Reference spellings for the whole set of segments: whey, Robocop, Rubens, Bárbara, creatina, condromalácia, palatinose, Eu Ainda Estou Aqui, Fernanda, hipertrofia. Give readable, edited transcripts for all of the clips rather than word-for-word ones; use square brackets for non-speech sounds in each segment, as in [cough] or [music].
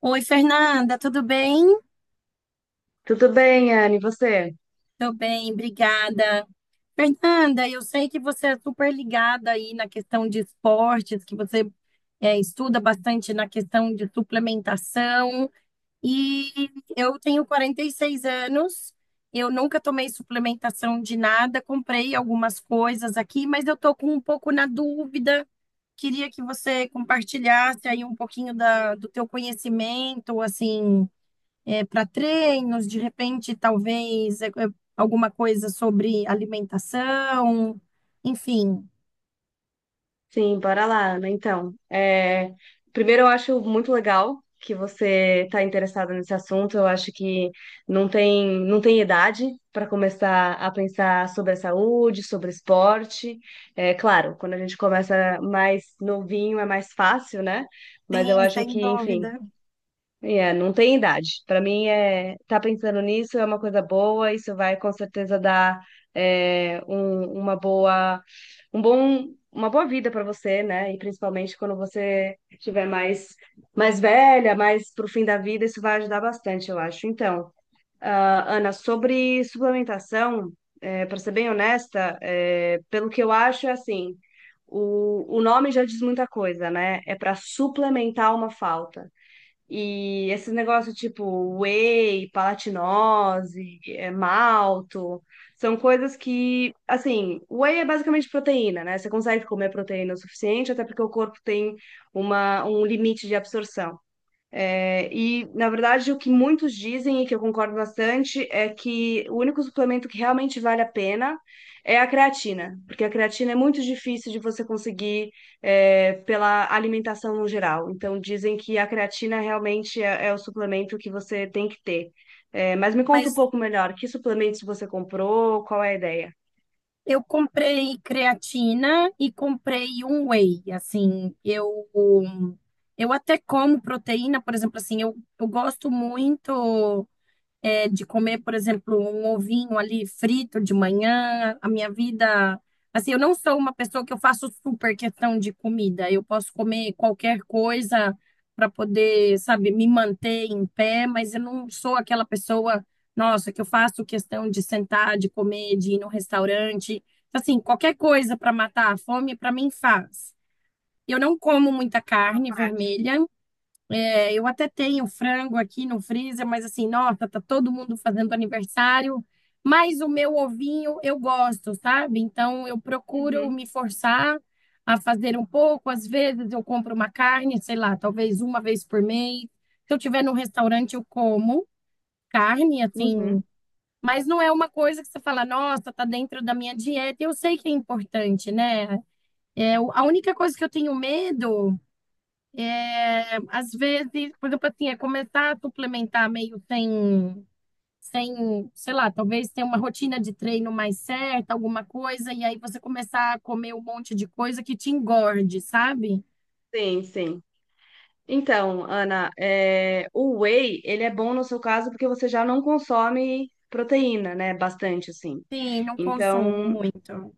Oi, Fernanda, tudo bem? Tudo bem, Anne, e você? Tô bem, obrigada. Fernanda, eu sei que você é super ligada aí na questão de esportes, que você estuda bastante na questão de suplementação. E eu tenho 46 anos, eu nunca tomei suplementação de nada, comprei algumas coisas aqui, mas eu tô com um pouco na dúvida. Queria que você compartilhasse aí um pouquinho da, do teu conhecimento, assim para treinos, de repente, talvez alguma coisa sobre alimentação, enfim, Sim, bora lá, né? Então, primeiro eu acho muito legal que você está interessada nesse assunto. Eu acho que não tem idade para começar a pensar sobre a saúde, sobre esporte. É claro, quando a gente começa mais novinho é mais fácil, né? Mas eu tem, acho sem que, enfim, dúvida. É, não tem idade. Para mim, é tá pensando nisso é uma coisa boa. Isso vai com certeza dar uma boa, uma boa vida para você, né? E principalmente quando você estiver mais mais velha, mais pro fim da vida, isso vai ajudar bastante, eu acho. Então, Ana, sobre suplementação, para ser bem honesta, pelo que eu acho, é assim. O nome já diz muita coisa, né? É para suplementar uma falta. E esses negócios tipo whey, palatinose, malto, são coisas que, assim, whey é basicamente proteína, né? Você consegue comer proteína o suficiente, até porque o corpo tem um limite de absorção. Na verdade, o que muitos dizem, e que eu concordo bastante, é que o único suplemento que realmente vale a pena é a creatina, porque a creatina é muito difícil de você conseguir, pela alimentação no geral. Então, dizem que a creatina realmente é o suplemento que você tem que ter. Mas me conta Mas um pouco melhor, que suplementos você comprou, qual é a ideia? eu comprei creatina e comprei um whey, assim, eu até como proteína, por exemplo, assim, eu gosto muito. De comer, por exemplo, um ovinho ali frito de manhã, a minha vida. Assim, eu não sou uma pessoa que eu faço super questão de comida. Eu posso comer qualquer coisa para poder, sabe, me manter em pé, mas eu não sou aquela pessoa, nossa, que eu faço questão de sentar, de comer, de ir no restaurante. Assim, qualquer coisa para matar a fome, para mim faz. Eu não como muita A carne prática. vermelha. Eu até tenho frango aqui no freezer, mas assim, nossa, tá todo mundo fazendo aniversário. Mas o meu ovinho eu gosto, sabe? Então eu procuro Uhum, me forçar a fazer um pouco. Às vezes eu compro uma carne, sei lá, talvez uma vez por mês. Se eu tiver num restaurante, eu como carne, assim. uhum. Mas não é uma coisa que você fala, nossa, tá dentro da minha dieta. Eu sei que é importante, né? A única coisa que eu tenho medo. Às vezes, por exemplo, assim, é começar a suplementar meio sem, sei lá, talvez ter uma rotina de treino mais certa, alguma coisa, e aí você começar a comer um monte de coisa que te engorde, sabe? Sim, sim. Então, Ana, o whey, ele é bom no seu caso porque você já não consome proteína, né? Bastante, assim. Sim, não consumo Então, muito.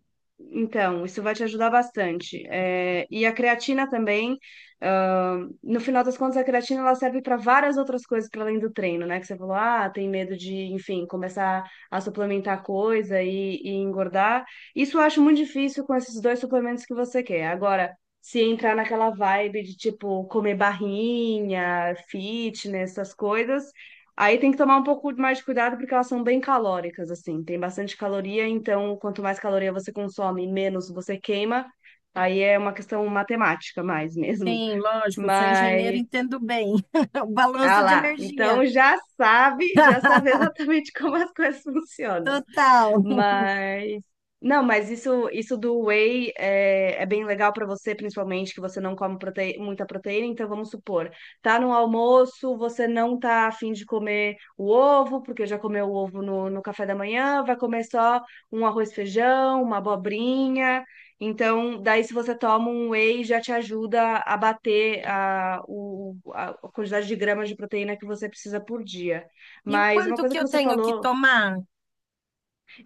então, isso vai te ajudar bastante. É, e a creatina também, ah, no final das contas, a creatina ela serve para várias outras coisas para além do treino, né? Que você falou, ah, tem medo de, enfim, começar a suplementar coisa e engordar. Isso eu acho muito difícil com esses dois suplementos que você quer. Agora, se entrar naquela vibe de, tipo, comer barrinha, fitness, essas coisas, aí tem que tomar um pouco mais de cuidado porque elas são bem calóricas, assim. Tem bastante caloria, então quanto mais caloria você consome, menos você queima. Aí é uma questão matemática mais [laughs] mesmo. Sim, lógico, eu sou engenheira e Mas, entendo bem. [laughs] O ah balanço de lá, energia. então já [laughs] sabe exatamente [laughs] como as coisas funcionam. Total. Mas não, mas isso do whey é bem legal para você, principalmente que você não come prote- muita proteína. Então vamos supor, tá no almoço, você não tá afim de comer o ovo, porque já comeu o ovo no café da manhã, vai comer só um arroz e feijão, uma abobrinha. Então, daí se você toma um whey, já te ajuda a bater a, o, a a quantidade de gramas de proteína que você precisa por dia. E o Mas uma quanto coisa que que eu você tenho que falou tomar?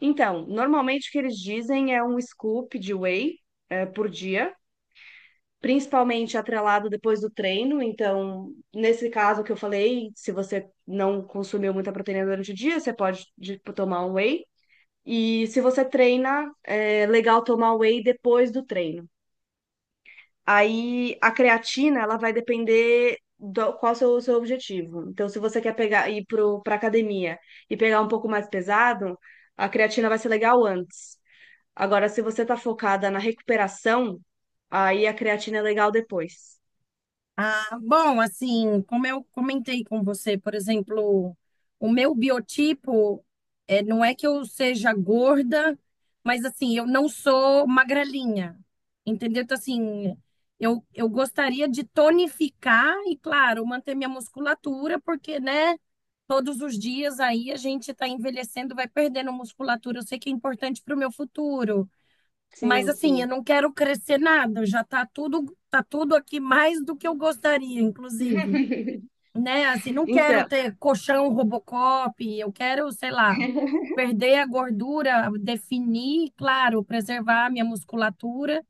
então, normalmente o que eles dizem é um scoop de whey, por dia, principalmente atrelado depois do treino. Então, nesse caso que eu falei, se você não consumiu muita proteína durante o dia, você pode de- tomar um whey. E se você treina, é legal tomar whey depois do treino. Aí a creatina, ela vai depender do qual é o seu objetivo. Então, se você quer pegar ir para academia e pegar um pouco mais pesado, a creatina vai ser legal antes. Agora, se você tá focada na recuperação, aí a creatina é legal depois. Ah, bom, assim, como eu comentei com você, por exemplo, o meu biotipo não é que eu seja gorda, mas assim, eu não sou magrelinha, entendeu? Então, assim, eu gostaria de tonificar e, claro, manter minha musculatura, porque, né, todos os dias aí a gente está envelhecendo, vai perdendo musculatura. Eu sei que é importante para o meu futuro. Mas Sim, assim, eu sim. não quero crescer nada, já tá tudo aqui mais do que eu gostaria, inclusive, [laughs] né? Assim, não quero Então, ter colchão Robocop, eu quero, sei lá, perder a gordura, definir, claro, preservar a minha musculatura.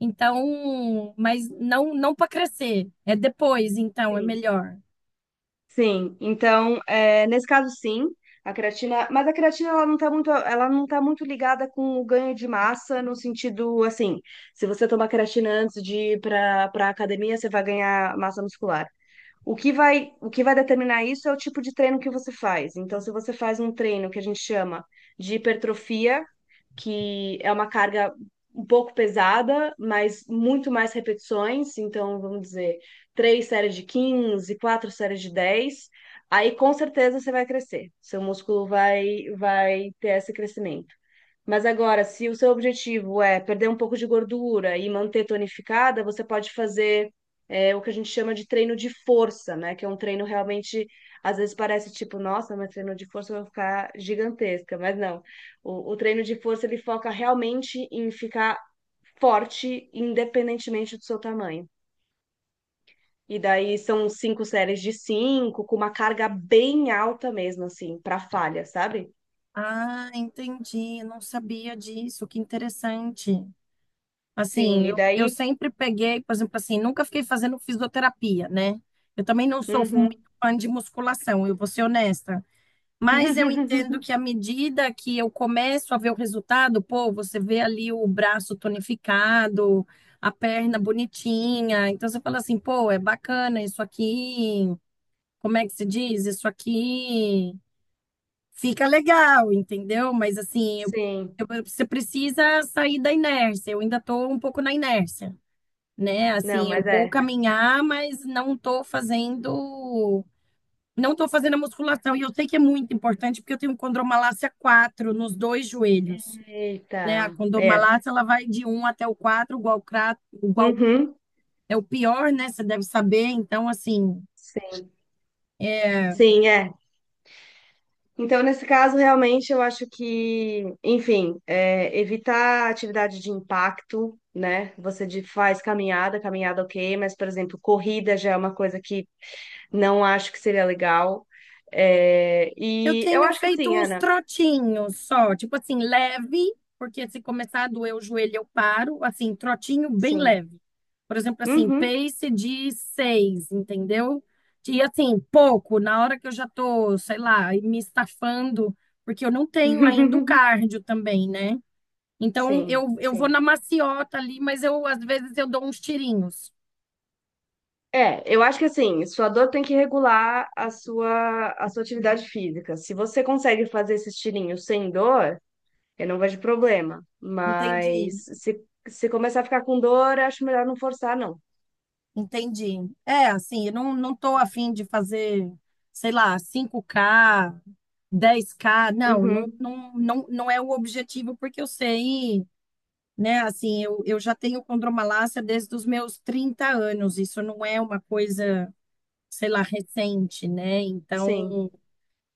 Então, mas não para crescer, é depois, então é sim, melhor. sim. Então, nesse caso, sim, a creatina, mas a creatina ela não tá muito ligada com o ganho de massa no sentido assim, se você tomar creatina antes de ir para academia, você vai ganhar massa muscular. O que vai determinar isso é o tipo de treino que você faz. Então, se você faz um treino que a gente chama de hipertrofia que é uma carga um pouco pesada, mas muito mais repetições. Então, vamos dizer, três séries de 15, quatro séries de 10. Aí, com certeza, você vai crescer. Seu músculo vai ter esse crescimento. Mas agora, se o seu objetivo é perder um pouco de gordura e manter tonificada, você pode fazer o que a gente chama de treino de força, né? Que é um treino realmente, às vezes parece tipo, nossa, mas treino de força vai ficar gigantesca, mas não. O treino de força ele foca realmente em ficar forte, independentemente do seu tamanho. E daí são cinco séries de cinco, com uma carga bem alta mesmo, assim, para falha, sabe? Ah, entendi, não sabia disso, que interessante. Sim, Assim, e eu daí. sempre peguei, por exemplo, assim, nunca fiquei fazendo fisioterapia, né? Eu também não sou muito Uhum. fã de musculação, eu vou ser honesta. Mas eu entendo [laughs] que à medida que eu começo a ver o resultado, pô, você vê ali o braço tonificado, a perna bonitinha. Então você fala assim, pô, é bacana isso aqui. Como é que se diz? Isso aqui fica legal, entendeu? Mas assim, Sim, você precisa sair da inércia. Eu ainda estou um pouco na inércia, né? não, Assim, eu mas vou é. caminhar, mas não tô fazendo a musculação. E eu sei que é muito importante porque eu tenho condromalácia 4 nos dois joelhos, né? A Eita, é. condromalácia ela vai de 1 até o 4. Igual Uhum. é o pior, né? Você deve saber. Então, assim, Sim, sim, é. Então, nesse caso, realmente, eu acho que, enfim, evitar atividade de impacto, né? Você de- faz caminhada, caminhada ok, mas, por exemplo, corrida já é uma coisa que não acho que seria legal. É, eu e eu tenho acho que feito sim, uns Ana. trotinhos só, tipo assim, leve, porque se começar a doer o joelho, eu paro, assim, trotinho bem Sim. leve. Por exemplo, assim, Uhum. pace de 6, entendeu? E assim, pouco, na hora que eu já tô, sei lá, me estafando, porque eu não tenho ainda o [laughs] cardio também, né? Então, Sim, eu vou sim. na maciota ali, mas eu, às vezes, eu dou uns tirinhos. É, eu acho que assim, sua dor tem que regular a sua atividade física. Se você consegue fazer esse estilinho sem dor, eu não vejo problema, mas Entendi. se começar a ficar com dor, acho melhor não forçar, não. Entendi. É, assim, eu não tô afim de fazer, sei lá, 5K, 10K. Não, não, Uhum, não, não, não é o objetivo, porque eu sei, né? Assim, eu já tenho condromalácia desde os meus 30 anos. Isso não é uma coisa, sei lá, recente, né? sim. Então,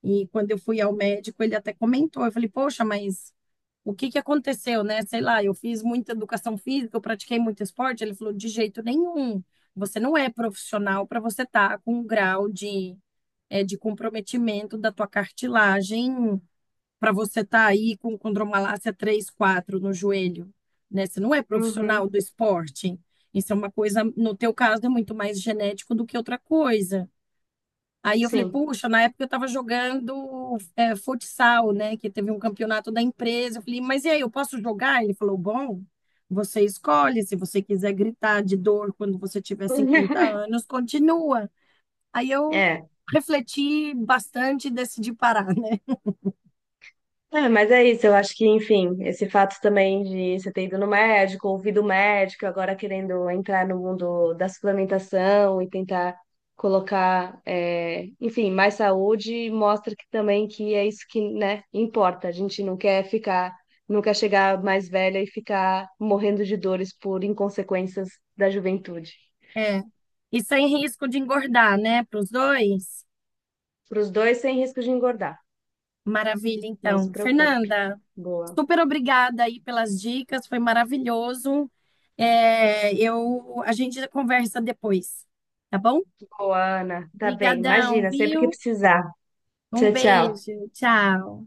e quando eu fui ao médico, ele até comentou. Eu falei, poxa, mas o que que aconteceu, né? Sei lá, eu fiz muita educação física, eu pratiquei muito esporte. Ele falou, de jeito nenhum. Você não é profissional para você estar com um grau de, de comprometimento da tua cartilagem, para você estar aí com condromalácia 3 4 no joelho, né? Você não é Uhum, profissional do esporte. Isso é uma coisa, no teu caso, é muito mais genético do que outra coisa. Aí eu falei, sim. puxa, na época eu estava jogando, futsal, né? Que teve um campeonato da empresa. Eu falei, mas e aí, eu posso jogar? Ele falou, bom, você escolhe. Se você quiser gritar de dor quando você tiver 50 [laughs] anos, continua. Aí eu É. refleti bastante e decidi parar, [laughs] né? É, mas é isso, eu acho que, enfim, esse fato também de você ter ido no médico, ouvido o médico, agora querendo entrar no mundo da suplementação e tentar colocar, enfim, mais saúde, mostra que também que é isso que, né, importa. A gente não quer ficar, não quer chegar mais velha e ficar morrendo de dores por inconsequências da juventude. É. E sem risco de engordar, né? Para os dois. Para os dois, sem risco de engordar, Maravilha, não se então. preocupe. Fernanda, Boa. super obrigada aí pelas dicas, foi maravilhoso. É, a gente conversa depois, tá bom? Boa, Ana. Tá bem. Obrigadão, Imagina, sempre que viu? precisar. Um Tchau, tchau. beijo, tchau.